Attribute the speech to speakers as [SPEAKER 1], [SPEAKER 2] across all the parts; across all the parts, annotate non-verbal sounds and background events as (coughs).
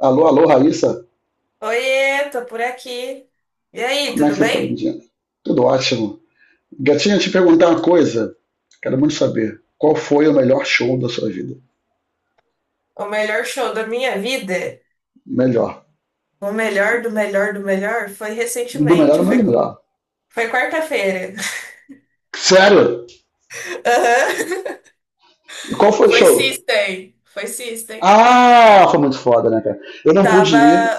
[SPEAKER 1] Alô, alô, Raíssa.
[SPEAKER 2] Oiê, tô por aqui. E aí,
[SPEAKER 1] Como é que
[SPEAKER 2] tudo
[SPEAKER 1] você tá,
[SPEAKER 2] bem?
[SPEAKER 1] Lindinha? Tudo ótimo. Gatinha, te perguntar uma coisa. Quero muito saber. Qual foi o melhor show da sua vida?
[SPEAKER 2] O melhor show da minha vida,
[SPEAKER 1] Melhor.
[SPEAKER 2] o melhor do melhor do melhor, foi
[SPEAKER 1] Do melhor
[SPEAKER 2] recentemente,
[SPEAKER 1] ou não é do melhor?
[SPEAKER 2] foi quarta-feira.
[SPEAKER 1] Sério?
[SPEAKER 2] (laughs) Aham.
[SPEAKER 1] Qual foi o
[SPEAKER 2] Foi
[SPEAKER 1] show?
[SPEAKER 2] System, foi System.
[SPEAKER 1] Ah, foi muito foda, né, cara? Eu não pude
[SPEAKER 2] Tava,
[SPEAKER 1] ir,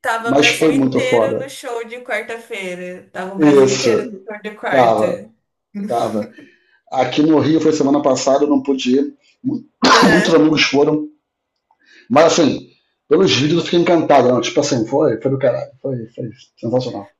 [SPEAKER 2] tava o
[SPEAKER 1] mas
[SPEAKER 2] Brasil
[SPEAKER 1] foi muito
[SPEAKER 2] inteiro no
[SPEAKER 1] foda.
[SPEAKER 2] show de quarta-feira. Tava o Brasil inteiro no
[SPEAKER 1] Isso.
[SPEAKER 2] show de
[SPEAKER 1] Tava,
[SPEAKER 2] quarta. (laughs)
[SPEAKER 1] tava. Aqui no Rio foi semana passada, eu não pude ir. Mu- (coughs) Muitos
[SPEAKER 2] Aham.
[SPEAKER 1] amigos foram. Mas assim, pelos vídeos eu fiquei encantado. Não. Tipo assim, foi do caralho. Foi sensacional.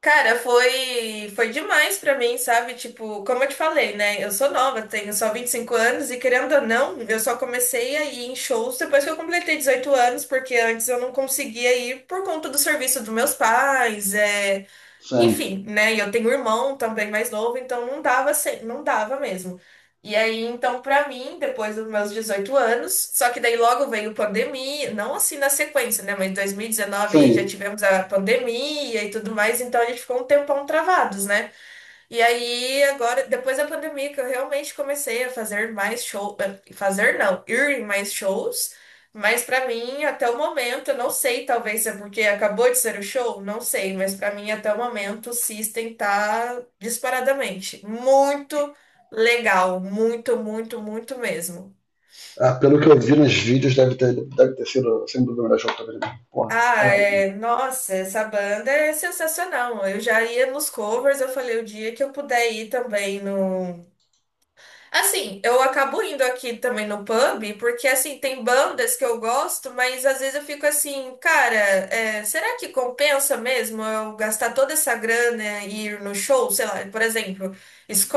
[SPEAKER 2] Cara, foi demais pra mim, sabe? Tipo, como eu te falei, né? Eu sou nova, tenho só 25 anos e, querendo ou não, eu só comecei a ir em shows depois que eu completei 18 anos, porque antes eu não conseguia ir por conta do serviço dos meus pais,
[SPEAKER 1] Sim,
[SPEAKER 2] enfim, né? E eu tenho um irmão também mais novo, então não dava, não dava mesmo. E aí, então, pra mim, depois dos meus 18 anos, só que daí logo veio pandemia, não assim na sequência, né? Mas em 2019 já
[SPEAKER 1] sim.
[SPEAKER 2] tivemos a pandemia e tudo mais, então a gente ficou um tempão travados, né? E aí, agora, depois da pandemia, que eu realmente comecei a fazer mais shows, fazer não, ir em mais shows, mas pra mim, até o momento, eu não sei, talvez é porque acabou de ser o show, não sei, mas pra mim, até o momento, o System tá disparadamente muito legal, muito, muito, muito mesmo.
[SPEAKER 1] Ah, pelo que eu vi nos vídeos, deve ter sido, sem dúvida, o melhor jogo também. Porra,
[SPEAKER 2] Ah,
[SPEAKER 1] caralho, né?
[SPEAKER 2] é, nossa, essa banda é sensacional. Eu já ia nos covers, eu falei o dia que eu puder ir também no. Assim, eu acabo indo aqui também no pub, porque assim, tem bandas que eu gosto, mas às vezes eu fico assim, cara, será que compensa mesmo eu gastar toda essa grana e ir no show? Sei lá, por exemplo,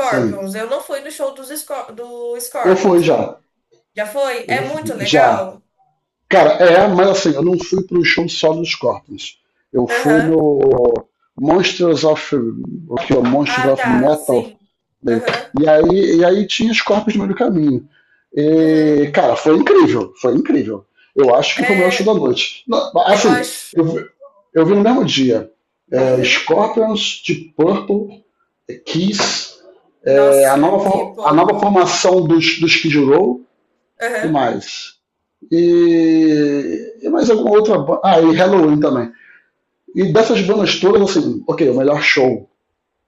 [SPEAKER 1] Sim.
[SPEAKER 2] Eu não fui no show dos do
[SPEAKER 1] Eu fui
[SPEAKER 2] Scorpions.
[SPEAKER 1] já.
[SPEAKER 2] Já foi?
[SPEAKER 1] Eu
[SPEAKER 2] É
[SPEAKER 1] já
[SPEAKER 2] muito
[SPEAKER 1] fui. Já.
[SPEAKER 2] legal?
[SPEAKER 1] Cara, é, mas assim, eu não fui pro show só dos Scorpions. Eu fui
[SPEAKER 2] Aham.
[SPEAKER 1] no Monsters of, aqui, ó, Monsters
[SPEAKER 2] Ah,
[SPEAKER 1] of
[SPEAKER 2] tá,
[SPEAKER 1] Metal.
[SPEAKER 2] sim.
[SPEAKER 1] Né?
[SPEAKER 2] Aham.
[SPEAKER 1] E aí, tinha Scorpions no meio do caminho.
[SPEAKER 2] Uhum.
[SPEAKER 1] E, cara, foi incrível, foi incrível. Eu acho que foi o melhor show da
[SPEAKER 2] É,
[SPEAKER 1] noite. Não,
[SPEAKER 2] eu
[SPEAKER 1] assim,
[SPEAKER 2] acho.
[SPEAKER 1] eu, vi- eu vi no mesmo dia
[SPEAKER 2] Uhum.
[SPEAKER 1] Scorpions, Deep Purple, Kiss,
[SPEAKER 2] Nossa,
[SPEAKER 1] a nova
[SPEAKER 2] Deeple.
[SPEAKER 1] formação dos Skid Row, que
[SPEAKER 2] Aham.
[SPEAKER 1] mais? E mais alguma outra. Ah, e Halloween também. E dessas bandas todas, assim, ok, o melhor show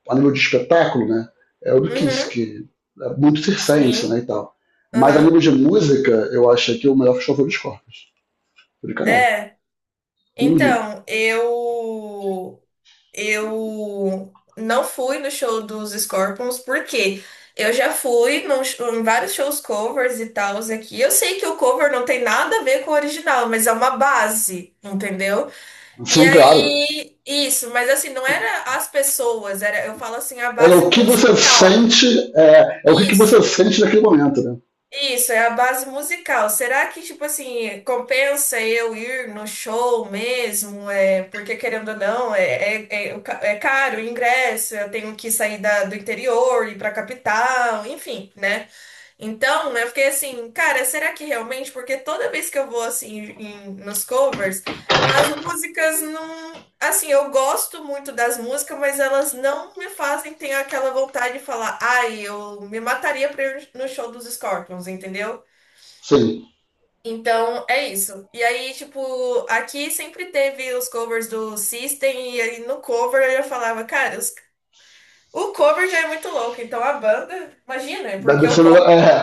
[SPEAKER 1] a nível de espetáculo, né? É o do Kiss,
[SPEAKER 2] Uhum.
[SPEAKER 1] que é muito circense, né? E
[SPEAKER 2] Sim.
[SPEAKER 1] tal. Mas a nível
[SPEAKER 2] Aham.
[SPEAKER 1] de música, eu acho que é o melhor show foi do Scorpions. Foi do caralho.
[SPEAKER 2] É.
[SPEAKER 1] Uhum.
[SPEAKER 2] Então, eu não fui no show dos Scorpions porque eu já fui em vários shows covers e tals aqui. Eu sei que o cover não tem nada a ver com o original, mas é uma base, entendeu? E
[SPEAKER 1] Sim, claro.
[SPEAKER 2] aí, isso, mas assim, não era as pessoas, era, eu falo assim, a
[SPEAKER 1] É
[SPEAKER 2] base
[SPEAKER 1] o que você
[SPEAKER 2] musical.
[SPEAKER 1] sente, é o que que você
[SPEAKER 2] Isso.
[SPEAKER 1] sente naquele momento, né?
[SPEAKER 2] Isso, é a base musical. Será que, tipo assim, compensa eu ir no show mesmo? É, porque, querendo ou não, é caro o ingresso, eu tenho que sair do interior, ir pra capital, enfim, né? Então, eu fiquei assim, cara, será que realmente? Porque toda vez que eu vou assim nos covers, as músicas não. Assim, eu gosto muito das músicas, mas elas não me fazem ter aquela vontade de falar, ai, eu me mataria pra ir no show dos Scorpions, entendeu?
[SPEAKER 1] Sim.
[SPEAKER 2] Então, é isso. E aí, tipo, aqui sempre teve os covers do System, e aí no cover eu já falava, cara, o cover já é muito louco, então a banda, imagina,
[SPEAKER 1] Deve
[SPEAKER 2] porque o.
[SPEAKER 1] ser melhor. É,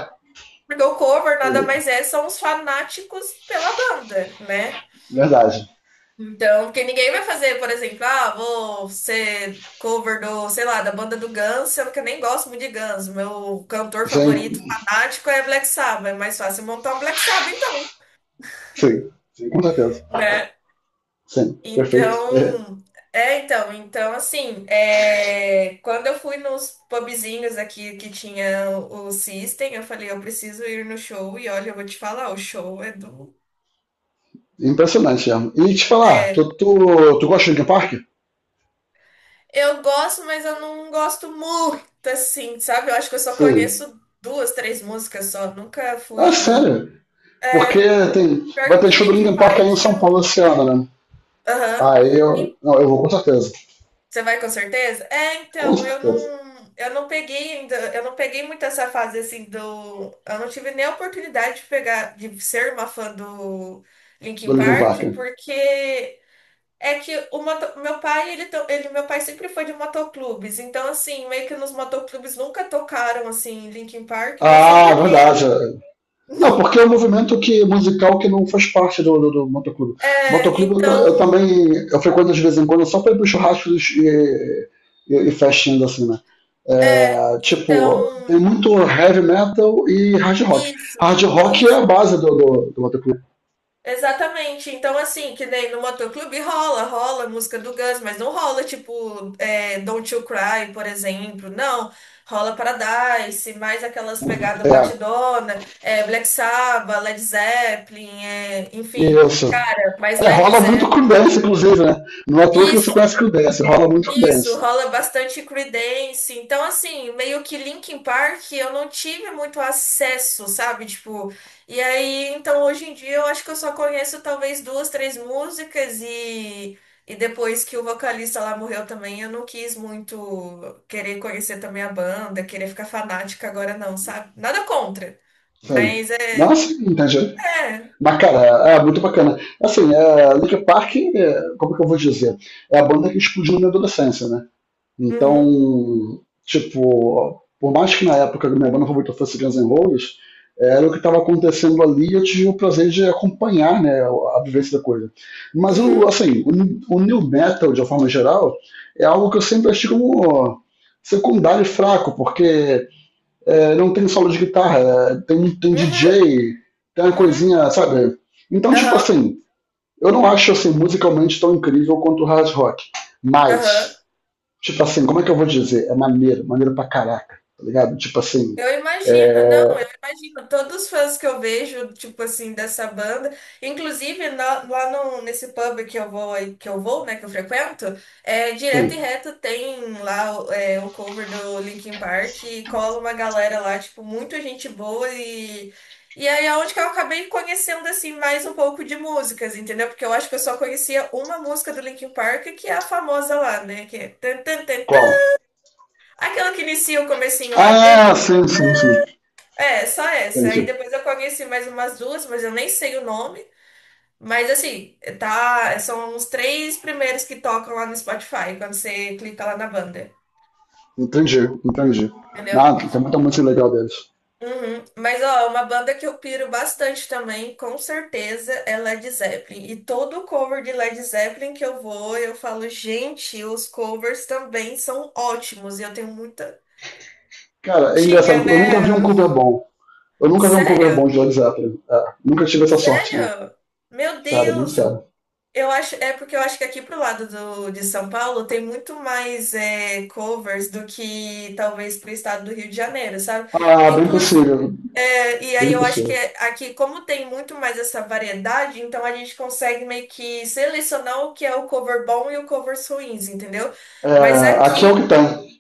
[SPEAKER 2] Porque o cover nada mais é, são os fanáticos pela banda, né?
[SPEAKER 1] verdade.
[SPEAKER 2] Então, porque ninguém vai fazer, por exemplo, ah, vou ser cover do, sei lá, da banda do Guns, sendo que eu nem gosto muito de Guns. Meu cantor
[SPEAKER 1] Sim,
[SPEAKER 2] favorito, fanático, é Black Sabbath. É mais fácil montar um Black Sabbath, então,
[SPEAKER 1] sim, sim, com certeza.
[SPEAKER 2] né?
[SPEAKER 1] Sim, perfeito. É.
[SPEAKER 2] Então, então, assim, quando eu fui nos pubzinhos aqui que tinha o System, eu falei, eu preciso ir no show, e olha, eu vou te falar, o show é do.
[SPEAKER 1] Impressionante, é. E te falar, tu,
[SPEAKER 2] É.
[SPEAKER 1] tu, tu gosta de Linkin Park?
[SPEAKER 2] Eu gosto, mas eu não gosto muito, assim, sabe? Eu acho que eu só
[SPEAKER 1] Sim.
[SPEAKER 2] conheço duas, três músicas só. Nunca
[SPEAKER 1] Ah,
[SPEAKER 2] fui.
[SPEAKER 1] sério? Porque
[SPEAKER 2] É,
[SPEAKER 1] vai
[SPEAKER 2] pior
[SPEAKER 1] ter
[SPEAKER 2] que
[SPEAKER 1] show do
[SPEAKER 2] Linkin
[SPEAKER 1] Linkin Park aí em
[SPEAKER 2] Park,
[SPEAKER 1] São
[SPEAKER 2] eu.
[SPEAKER 1] Paulo esse ano, né?
[SPEAKER 2] Aham.
[SPEAKER 1] Aí eu.
[SPEAKER 2] E
[SPEAKER 1] Não, eu vou com certeza.
[SPEAKER 2] Você vai com certeza? É,
[SPEAKER 1] Com
[SPEAKER 2] então,
[SPEAKER 1] certeza.
[SPEAKER 2] eu não peguei ainda, eu não peguei muito essa fase assim do. Eu não tive nem a oportunidade de pegar, de ser uma fã do
[SPEAKER 1] Do
[SPEAKER 2] Linkin
[SPEAKER 1] Linkin
[SPEAKER 2] Park,
[SPEAKER 1] Park.
[SPEAKER 2] porque. É que o meu pai, meu pai sempre foi de motoclubes, então assim, meio que nos motoclubes nunca tocaram assim Linkin Park, não sei
[SPEAKER 1] Ah,
[SPEAKER 2] por quê.
[SPEAKER 1] verdade. Não, porque é um
[SPEAKER 2] (laughs)
[SPEAKER 1] movimento que, musical que não faz parte do motoclube.
[SPEAKER 2] É,
[SPEAKER 1] Motoclube eu, ta- eu
[SPEAKER 2] então,
[SPEAKER 1] também eu frequento de vez em quando só para ir para churrascos e, e festinhas assim, né?
[SPEAKER 2] é,
[SPEAKER 1] É, tipo, tem
[SPEAKER 2] então,
[SPEAKER 1] muito heavy metal e hard rock. Hard
[SPEAKER 2] isso,
[SPEAKER 1] rock é
[SPEAKER 2] isso.
[SPEAKER 1] a base do motoclube.
[SPEAKER 2] Exatamente. Então, assim, que nem no motoclube rola, rola música do Guns, mas não rola, tipo, Don't You Cry, por exemplo. Não. Rola Paradise, mais aquelas pegadas
[SPEAKER 1] É,
[SPEAKER 2] batidona, é, Black Sabbath, Led Zeppelin, é, enfim.
[SPEAKER 1] isso.
[SPEAKER 2] Cara, mas
[SPEAKER 1] É,
[SPEAKER 2] Led
[SPEAKER 1] rola muito
[SPEAKER 2] Zeppelin.
[SPEAKER 1] com dance, inclusive, né? Não é à toa que você conhece
[SPEAKER 2] Isso.
[SPEAKER 1] com dance, rola muito com
[SPEAKER 2] Isso,
[SPEAKER 1] dance.
[SPEAKER 2] rola bastante Creedence. Então, assim, meio que Linkin Park eu não tive muito acesso, sabe? Tipo, e aí, então hoje em dia eu acho que eu só conheço talvez duas, três músicas e depois que o vocalista lá morreu também, eu não quis muito querer conhecer também a banda, querer ficar fanática agora não, sabe? Nada contra.
[SPEAKER 1] Sim.
[SPEAKER 2] Mas é,
[SPEAKER 1] Nossa, entendi.
[SPEAKER 2] é.
[SPEAKER 1] Mas, cara, é muito bacana. Assim, é, Linkin Park, é, como que eu vou dizer? É a banda que explodiu na minha adolescência, né?
[SPEAKER 2] Uhum,
[SPEAKER 1] Então, tipo, por mais que na época a minha banda favorita fosse Guns N' Roses, era o que estava acontecendo ali e eu tive o prazer de acompanhar, né, a vivência da coisa. Mas,
[SPEAKER 2] uhum,
[SPEAKER 1] assim, o new metal, de uma forma geral, é algo que eu sempre achei como secundário e fraco, porque é, não tem solo de guitarra, tem
[SPEAKER 2] uhum,
[SPEAKER 1] DJ, tem uma
[SPEAKER 2] uhum, uhum,
[SPEAKER 1] coisinha, sabe? Então, tipo
[SPEAKER 2] aham,
[SPEAKER 1] assim, eu não acho assim musicalmente tão incrível quanto o hard rock,
[SPEAKER 2] aham.
[SPEAKER 1] mas, tipo assim, como é que eu vou dizer? É maneiro, maneiro pra caraca, tá ligado? Tipo assim,
[SPEAKER 2] Eu imagino, não, eu
[SPEAKER 1] é.
[SPEAKER 2] imagino. Todos os fãs que eu vejo, tipo assim, dessa banda, inclusive na- lá no, nesse pub que eu vou, que eu frequento, direto e
[SPEAKER 1] Sim,
[SPEAKER 2] reto tem lá, é, o cover do Linkin Park e cola uma galera lá, tipo, muito gente boa e aí é onde que eu acabei conhecendo assim mais um pouco de músicas, entendeu? Porque eu acho que eu só conhecia uma música do Linkin Park, que é a famosa lá, né, que é tan, tan, tan, tan,
[SPEAKER 1] qual?
[SPEAKER 2] aquela que inicia o comecinho lá.
[SPEAKER 1] Ah, sim, sim, sim,
[SPEAKER 2] É, só essa. Aí
[SPEAKER 1] entendi,
[SPEAKER 2] depois eu conheci mais umas duas, mas eu nem sei o nome. Mas assim, tá, são os três primeiros que tocam lá no Spotify, quando você clica lá na banda,
[SPEAKER 1] entendi, entendi.
[SPEAKER 2] entendeu?
[SPEAKER 1] Nada, tem muita música legal deles.
[SPEAKER 2] Uhum. Mas ó, uma banda que eu piro bastante também, com certeza, é Led Zeppelin. E todo cover de Led Zeppelin que eu vou, eu falo, gente, os covers também são ótimos. E eu tenho muita.
[SPEAKER 1] Cara, é
[SPEAKER 2] Tinha,
[SPEAKER 1] engraçado, eu nunca vi um
[SPEAKER 2] né?
[SPEAKER 1] cover bom. Eu nunca vi um cover bom
[SPEAKER 2] Sério?
[SPEAKER 1] de Led Zeppelin. É, nunca tive essa sorte, não.
[SPEAKER 2] Sério? Meu
[SPEAKER 1] Sério, muito
[SPEAKER 2] Deus!
[SPEAKER 1] sério.
[SPEAKER 2] Eu acho, é porque eu acho que aqui pro de São Paulo tem muito mais, é, covers do que talvez pro estado do Rio de Janeiro, sabe?
[SPEAKER 1] Ah, bem
[SPEAKER 2] Inclus,
[SPEAKER 1] possível.
[SPEAKER 2] é, e aí
[SPEAKER 1] Bem
[SPEAKER 2] eu acho que
[SPEAKER 1] possível.
[SPEAKER 2] aqui, como tem muito mais essa variedade, então a gente consegue meio que selecionar o que é o cover bom e o covers ruins, entendeu? Mas
[SPEAKER 1] É, aqui é o que
[SPEAKER 2] aqui,
[SPEAKER 1] tem.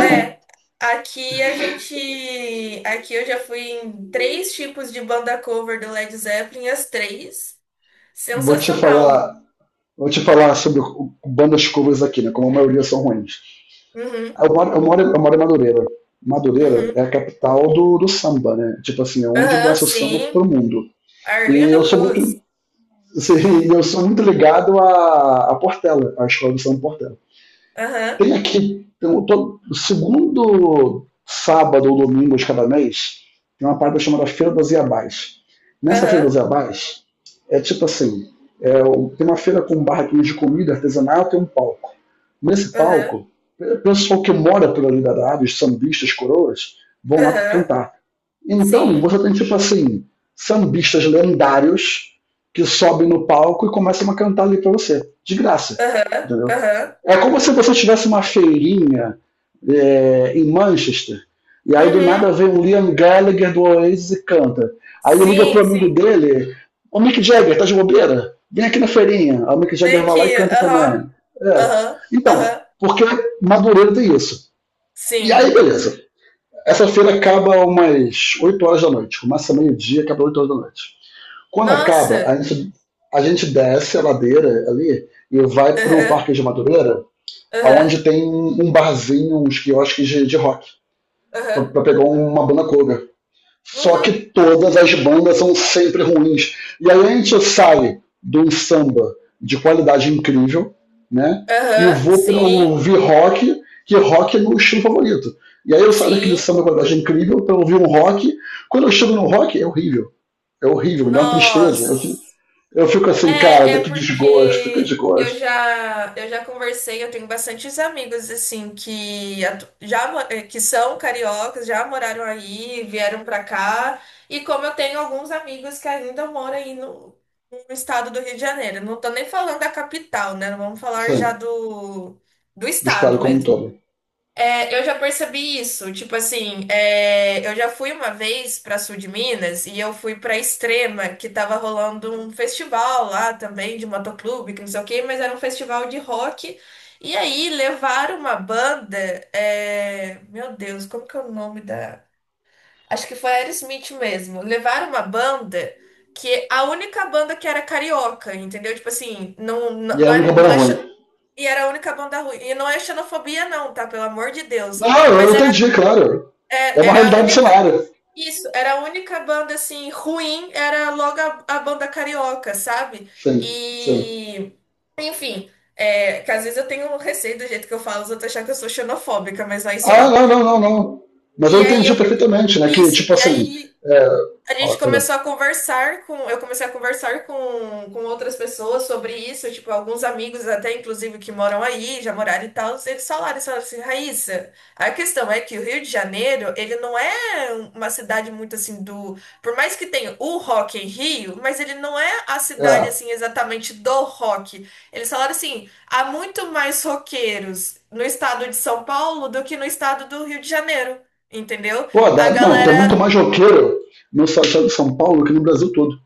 [SPEAKER 2] é, aqui a gente, aqui eu já fui em três tipos de banda cover do Led Zeppelin, as três.
[SPEAKER 1] Vou te
[SPEAKER 2] Sensacional.
[SPEAKER 1] falar. Vou te falar sobre bandas covers aqui, né? Como a maioria são ruins.
[SPEAKER 2] Uhum,
[SPEAKER 1] Eu moro em Madureira. Madureira é
[SPEAKER 2] uhum.
[SPEAKER 1] a capital do samba, né? Tipo assim, é onde
[SPEAKER 2] Aham,
[SPEAKER 1] nasce o samba
[SPEAKER 2] sim.
[SPEAKER 1] pro mundo. E eu
[SPEAKER 2] Arlindo
[SPEAKER 1] sou muito.
[SPEAKER 2] Cruz.
[SPEAKER 1] Assim, (laughs) eu sou muito ligado à Portela, à escola do samba Portela.
[SPEAKER 2] Aham,
[SPEAKER 1] Tem aqui, todo segundo sábado ou domingo de cada mês, tem uma parada chamada Feira das Iabás. Nessa Feira
[SPEAKER 2] aham,
[SPEAKER 1] das Iabás, é tipo assim, é, tem uma feira com barraquinhas de comida artesanal, tem um palco. Nesse
[SPEAKER 2] aham,
[SPEAKER 1] palco, o pessoal que mora pela ali da área, os sambistas, coroas, vão lá
[SPEAKER 2] aham.
[SPEAKER 1] cantar. Então,
[SPEAKER 2] Sim.
[SPEAKER 1] você tem tipo assim, sambistas lendários que sobem no palco e começam a cantar ali para você, de graça,
[SPEAKER 2] Aham,
[SPEAKER 1] entendeu?
[SPEAKER 2] aham.
[SPEAKER 1] É como se você tivesse uma feirinha em Manchester, e aí do nada
[SPEAKER 2] Uhum.
[SPEAKER 1] vem o Liam Gallagher do Oasis e canta. Aí ele liga pro
[SPEAKER 2] Sim,
[SPEAKER 1] amigo
[SPEAKER 2] sim.
[SPEAKER 1] dele, o Mick Jagger, tá de bobeira? Vem aqui na feirinha. Aí o Mick Jagger
[SPEAKER 2] Vem
[SPEAKER 1] vai lá e
[SPEAKER 2] aqui.
[SPEAKER 1] canta
[SPEAKER 2] Aham,
[SPEAKER 1] também. É.
[SPEAKER 2] aham,
[SPEAKER 1] Então,
[SPEAKER 2] aham.
[SPEAKER 1] porque Madureira tem isso. E aí,
[SPEAKER 2] Sim.
[SPEAKER 1] beleza. Essa feira acaba umas 8 horas da noite. Começa meio-dia, acaba 8 horas da noite. Quando acaba, a
[SPEAKER 2] Nossa.
[SPEAKER 1] gente, a gente desce a ladeira ali e vai pro
[SPEAKER 2] Aham,
[SPEAKER 1] Parque de Madureira,
[SPEAKER 2] aham,
[SPEAKER 1] aonde tem um barzinho, uns quiosques de rock,
[SPEAKER 2] aham.
[SPEAKER 1] para pegar uma banda cover. Só que
[SPEAKER 2] Uhum.
[SPEAKER 1] todas as bandas são sempre ruins. E aí a gente sai de um samba de qualidade incrível, né? E
[SPEAKER 2] Aham,
[SPEAKER 1] vou para
[SPEAKER 2] sim,
[SPEAKER 1] ouvir rock, que rock é meu estilo favorito. E aí eu saio daquele
[SPEAKER 2] sim.
[SPEAKER 1] samba de qualidade incrível para ouvir um rock. Quando eu chego no rock, é horrível. É horrível, me dá uma tristeza.
[SPEAKER 2] Nossa.
[SPEAKER 1] Eu fico assim,
[SPEAKER 2] É,
[SPEAKER 1] cara,
[SPEAKER 2] é
[SPEAKER 1] que desgosto, que
[SPEAKER 2] porque
[SPEAKER 1] desgosto.
[SPEAKER 2] eu já conversei, eu tenho bastantes amigos assim que atu- já mo- eh, que são cariocas, já moraram aí, vieram pra cá, e como eu tenho alguns amigos que ainda moram aí no estado do Rio de Janeiro. Não tô nem falando da capital, né? Vamos falar já
[SPEAKER 1] Assim,
[SPEAKER 2] do
[SPEAKER 1] do
[SPEAKER 2] estado
[SPEAKER 1] estado como um
[SPEAKER 2] mesmo.
[SPEAKER 1] todo.
[SPEAKER 2] É, eu já percebi isso. Tipo assim, é, eu já fui uma vez para sul de Minas e eu fui para Extrema, que tava rolando um festival lá também de motoclube, que não sei o quê, mas era um festival de rock. E aí levaram uma banda, é, meu Deus, como que é o nome da? Acho que foi Aerosmith mesmo. Levaram uma banda que a única banda que era carioca, entendeu? Tipo assim,
[SPEAKER 1] E é a
[SPEAKER 2] não
[SPEAKER 1] única
[SPEAKER 2] é,
[SPEAKER 1] banda
[SPEAKER 2] não é
[SPEAKER 1] ruim.
[SPEAKER 2] e era a única banda ruim. E não é xenofobia, não, tá? Pelo amor de Deus.
[SPEAKER 1] Não, eu
[SPEAKER 2] Mas era,
[SPEAKER 1] entendi, claro. É uma
[SPEAKER 2] era a
[SPEAKER 1] realidade do
[SPEAKER 2] única.
[SPEAKER 1] cenário.
[SPEAKER 2] Isso, era a única banda, assim, ruim, era logo a banda carioca, sabe?
[SPEAKER 1] Sim, sim.
[SPEAKER 2] E. Enfim, é, que às vezes eu tenho receio do jeito que eu falo, os outros acham que eu sou xenofóbica, mas não é isso,
[SPEAKER 1] Ah,
[SPEAKER 2] não.
[SPEAKER 1] não, não, não, não. Mas eu
[SPEAKER 2] E aí
[SPEAKER 1] entendi
[SPEAKER 2] eu.
[SPEAKER 1] perfeitamente, né? Que,
[SPEAKER 2] Isso,
[SPEAKER 1] tipo
[SPEAKER 2] e
[SPEAKER 1] assim.
[SPEAKER 2] aí.
[SPEAKER 1] É.
[SPEAKER 2] A gente
[SPEAKER 1] Fala, perdão.
[SPEAKER 2] começou a conversar com, eu comecei a conversar com outras pessoas sobre isso, tipo, alguns amigos até, inclusive, que moram aí, já moraram e tal, eles falaram assim, Raíssa, a questão é que o Rio de Janeiro, ele não é uma cidade muito assim do, por mais que tenha o Rock em Rio, mas ele não é a cidade
[SPEAKER 1] É.
[SPEAKER 2] assim exatamente do rock. Eles falaram assim, há muito mais roqueiros no estado de São Paulo do que no estado do Rio de Janeiro, entendeu?
[SPEAKER 1] Pô,
[SPEAKER 2] A
[SPEAKER 1] não, tem muito
[SPEAKER 2] galera.
[SPEAKER 1] mais roqueiro no estado de São Paulo que no Brasil todo.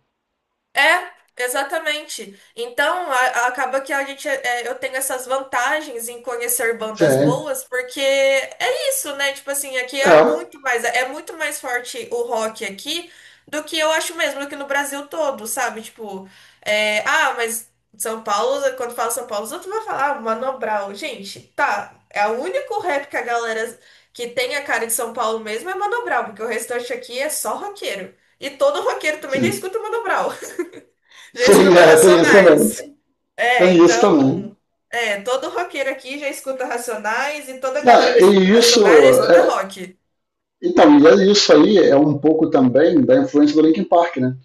[SPEAKER 2] É, exatamente. Então, acaba que a gente, eu tenho essas vantagens em conhecer bandas
[SPEAKER 1] Sim,
[SPEAKER 2] boas, porque é isso, né? Tipo assim, aqui há
[SPEAKER 1] é,
[SPEAKER 2] muito mais, é muito mais forte o rock aqui do que eu acho mesmo, do que no Brasil todo, sabe? Tipo, mas São Paulo, quando fala São Paulo, os outros vão falar, ah, Mano Brown. Gente, tá, é o único rap que a galera que tem a cara de São Paulo mesmo é Mano Brown, porque o restante aqui é só roqueiro. E todo roqueiro também já
[SPEAKER 1] sim.
[SPEAKER 2] escuta o Mano Brown. Já
[SPEAKER 1] Sim,
[SPEAKER 2] escuta
[SPEAKER 1] é, tem isso também.
[SPEAKER 2] Racionais. É,
[SPEAKER 1] Tem isso também.
[SPEAKER 2] então, é, todo roqueiro aqui já escuta Racionais e toda galera
[SPEAKER 1] Ah,
[SPEAKER 2] que
[SPEAKER 1] e
[SPEAKER 2] escuta
[SPEAKER 1] isso
[SPEAKER 2] Racionais já escuta
[SPEAKER 1] é,
[SPEAKER 2] rock.
[SPEAKER 1] Então, e é isso aí é um pouco também da influência do Linkin Park, né?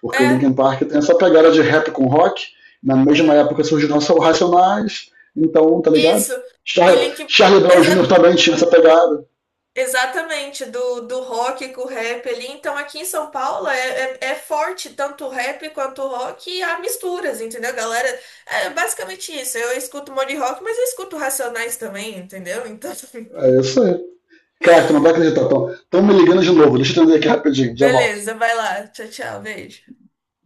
[SPEAKER 1] Porque o
[SPEAKER 2] É,
[SPEAKER 1] Linkin Park tem essa pegada de rap com rock, na mesma
[SPEAKER 2] uhum,
[SPEAKER 1] época surgiram os Racionais, então, tá ligado?
[SPEAKER 2] isso.
[SPEAKER 1] Char
[SPEAKER 2] E Link,
[SPEAKER 1] Charlie Brown Jr.
[SPEAKER 2] exa-
[SPEAKER 1] também tinha essa pegada.
[SPEAKER 2] exatamente, do rock com o rap ali. Então, aqui em São Paulo é forte tanto o rap quanto o rock e há misturas, entendeu? Galera, é basicamente isso. Eu escuto um monte de rock, mas eu escuto Racionais também, entendeu? Então,
[SPEAKER 1] É isso aí. Cara, tu não vai acreditar, Tom. Estão me ligando de novo, deixa eu entender aqui
[SPEAKER 2] (laughs)
[SPEAKER 1] rapidinho, já volto.
[SPEAKER 2] beleza, vai lá. Tchau, tchau, beijo.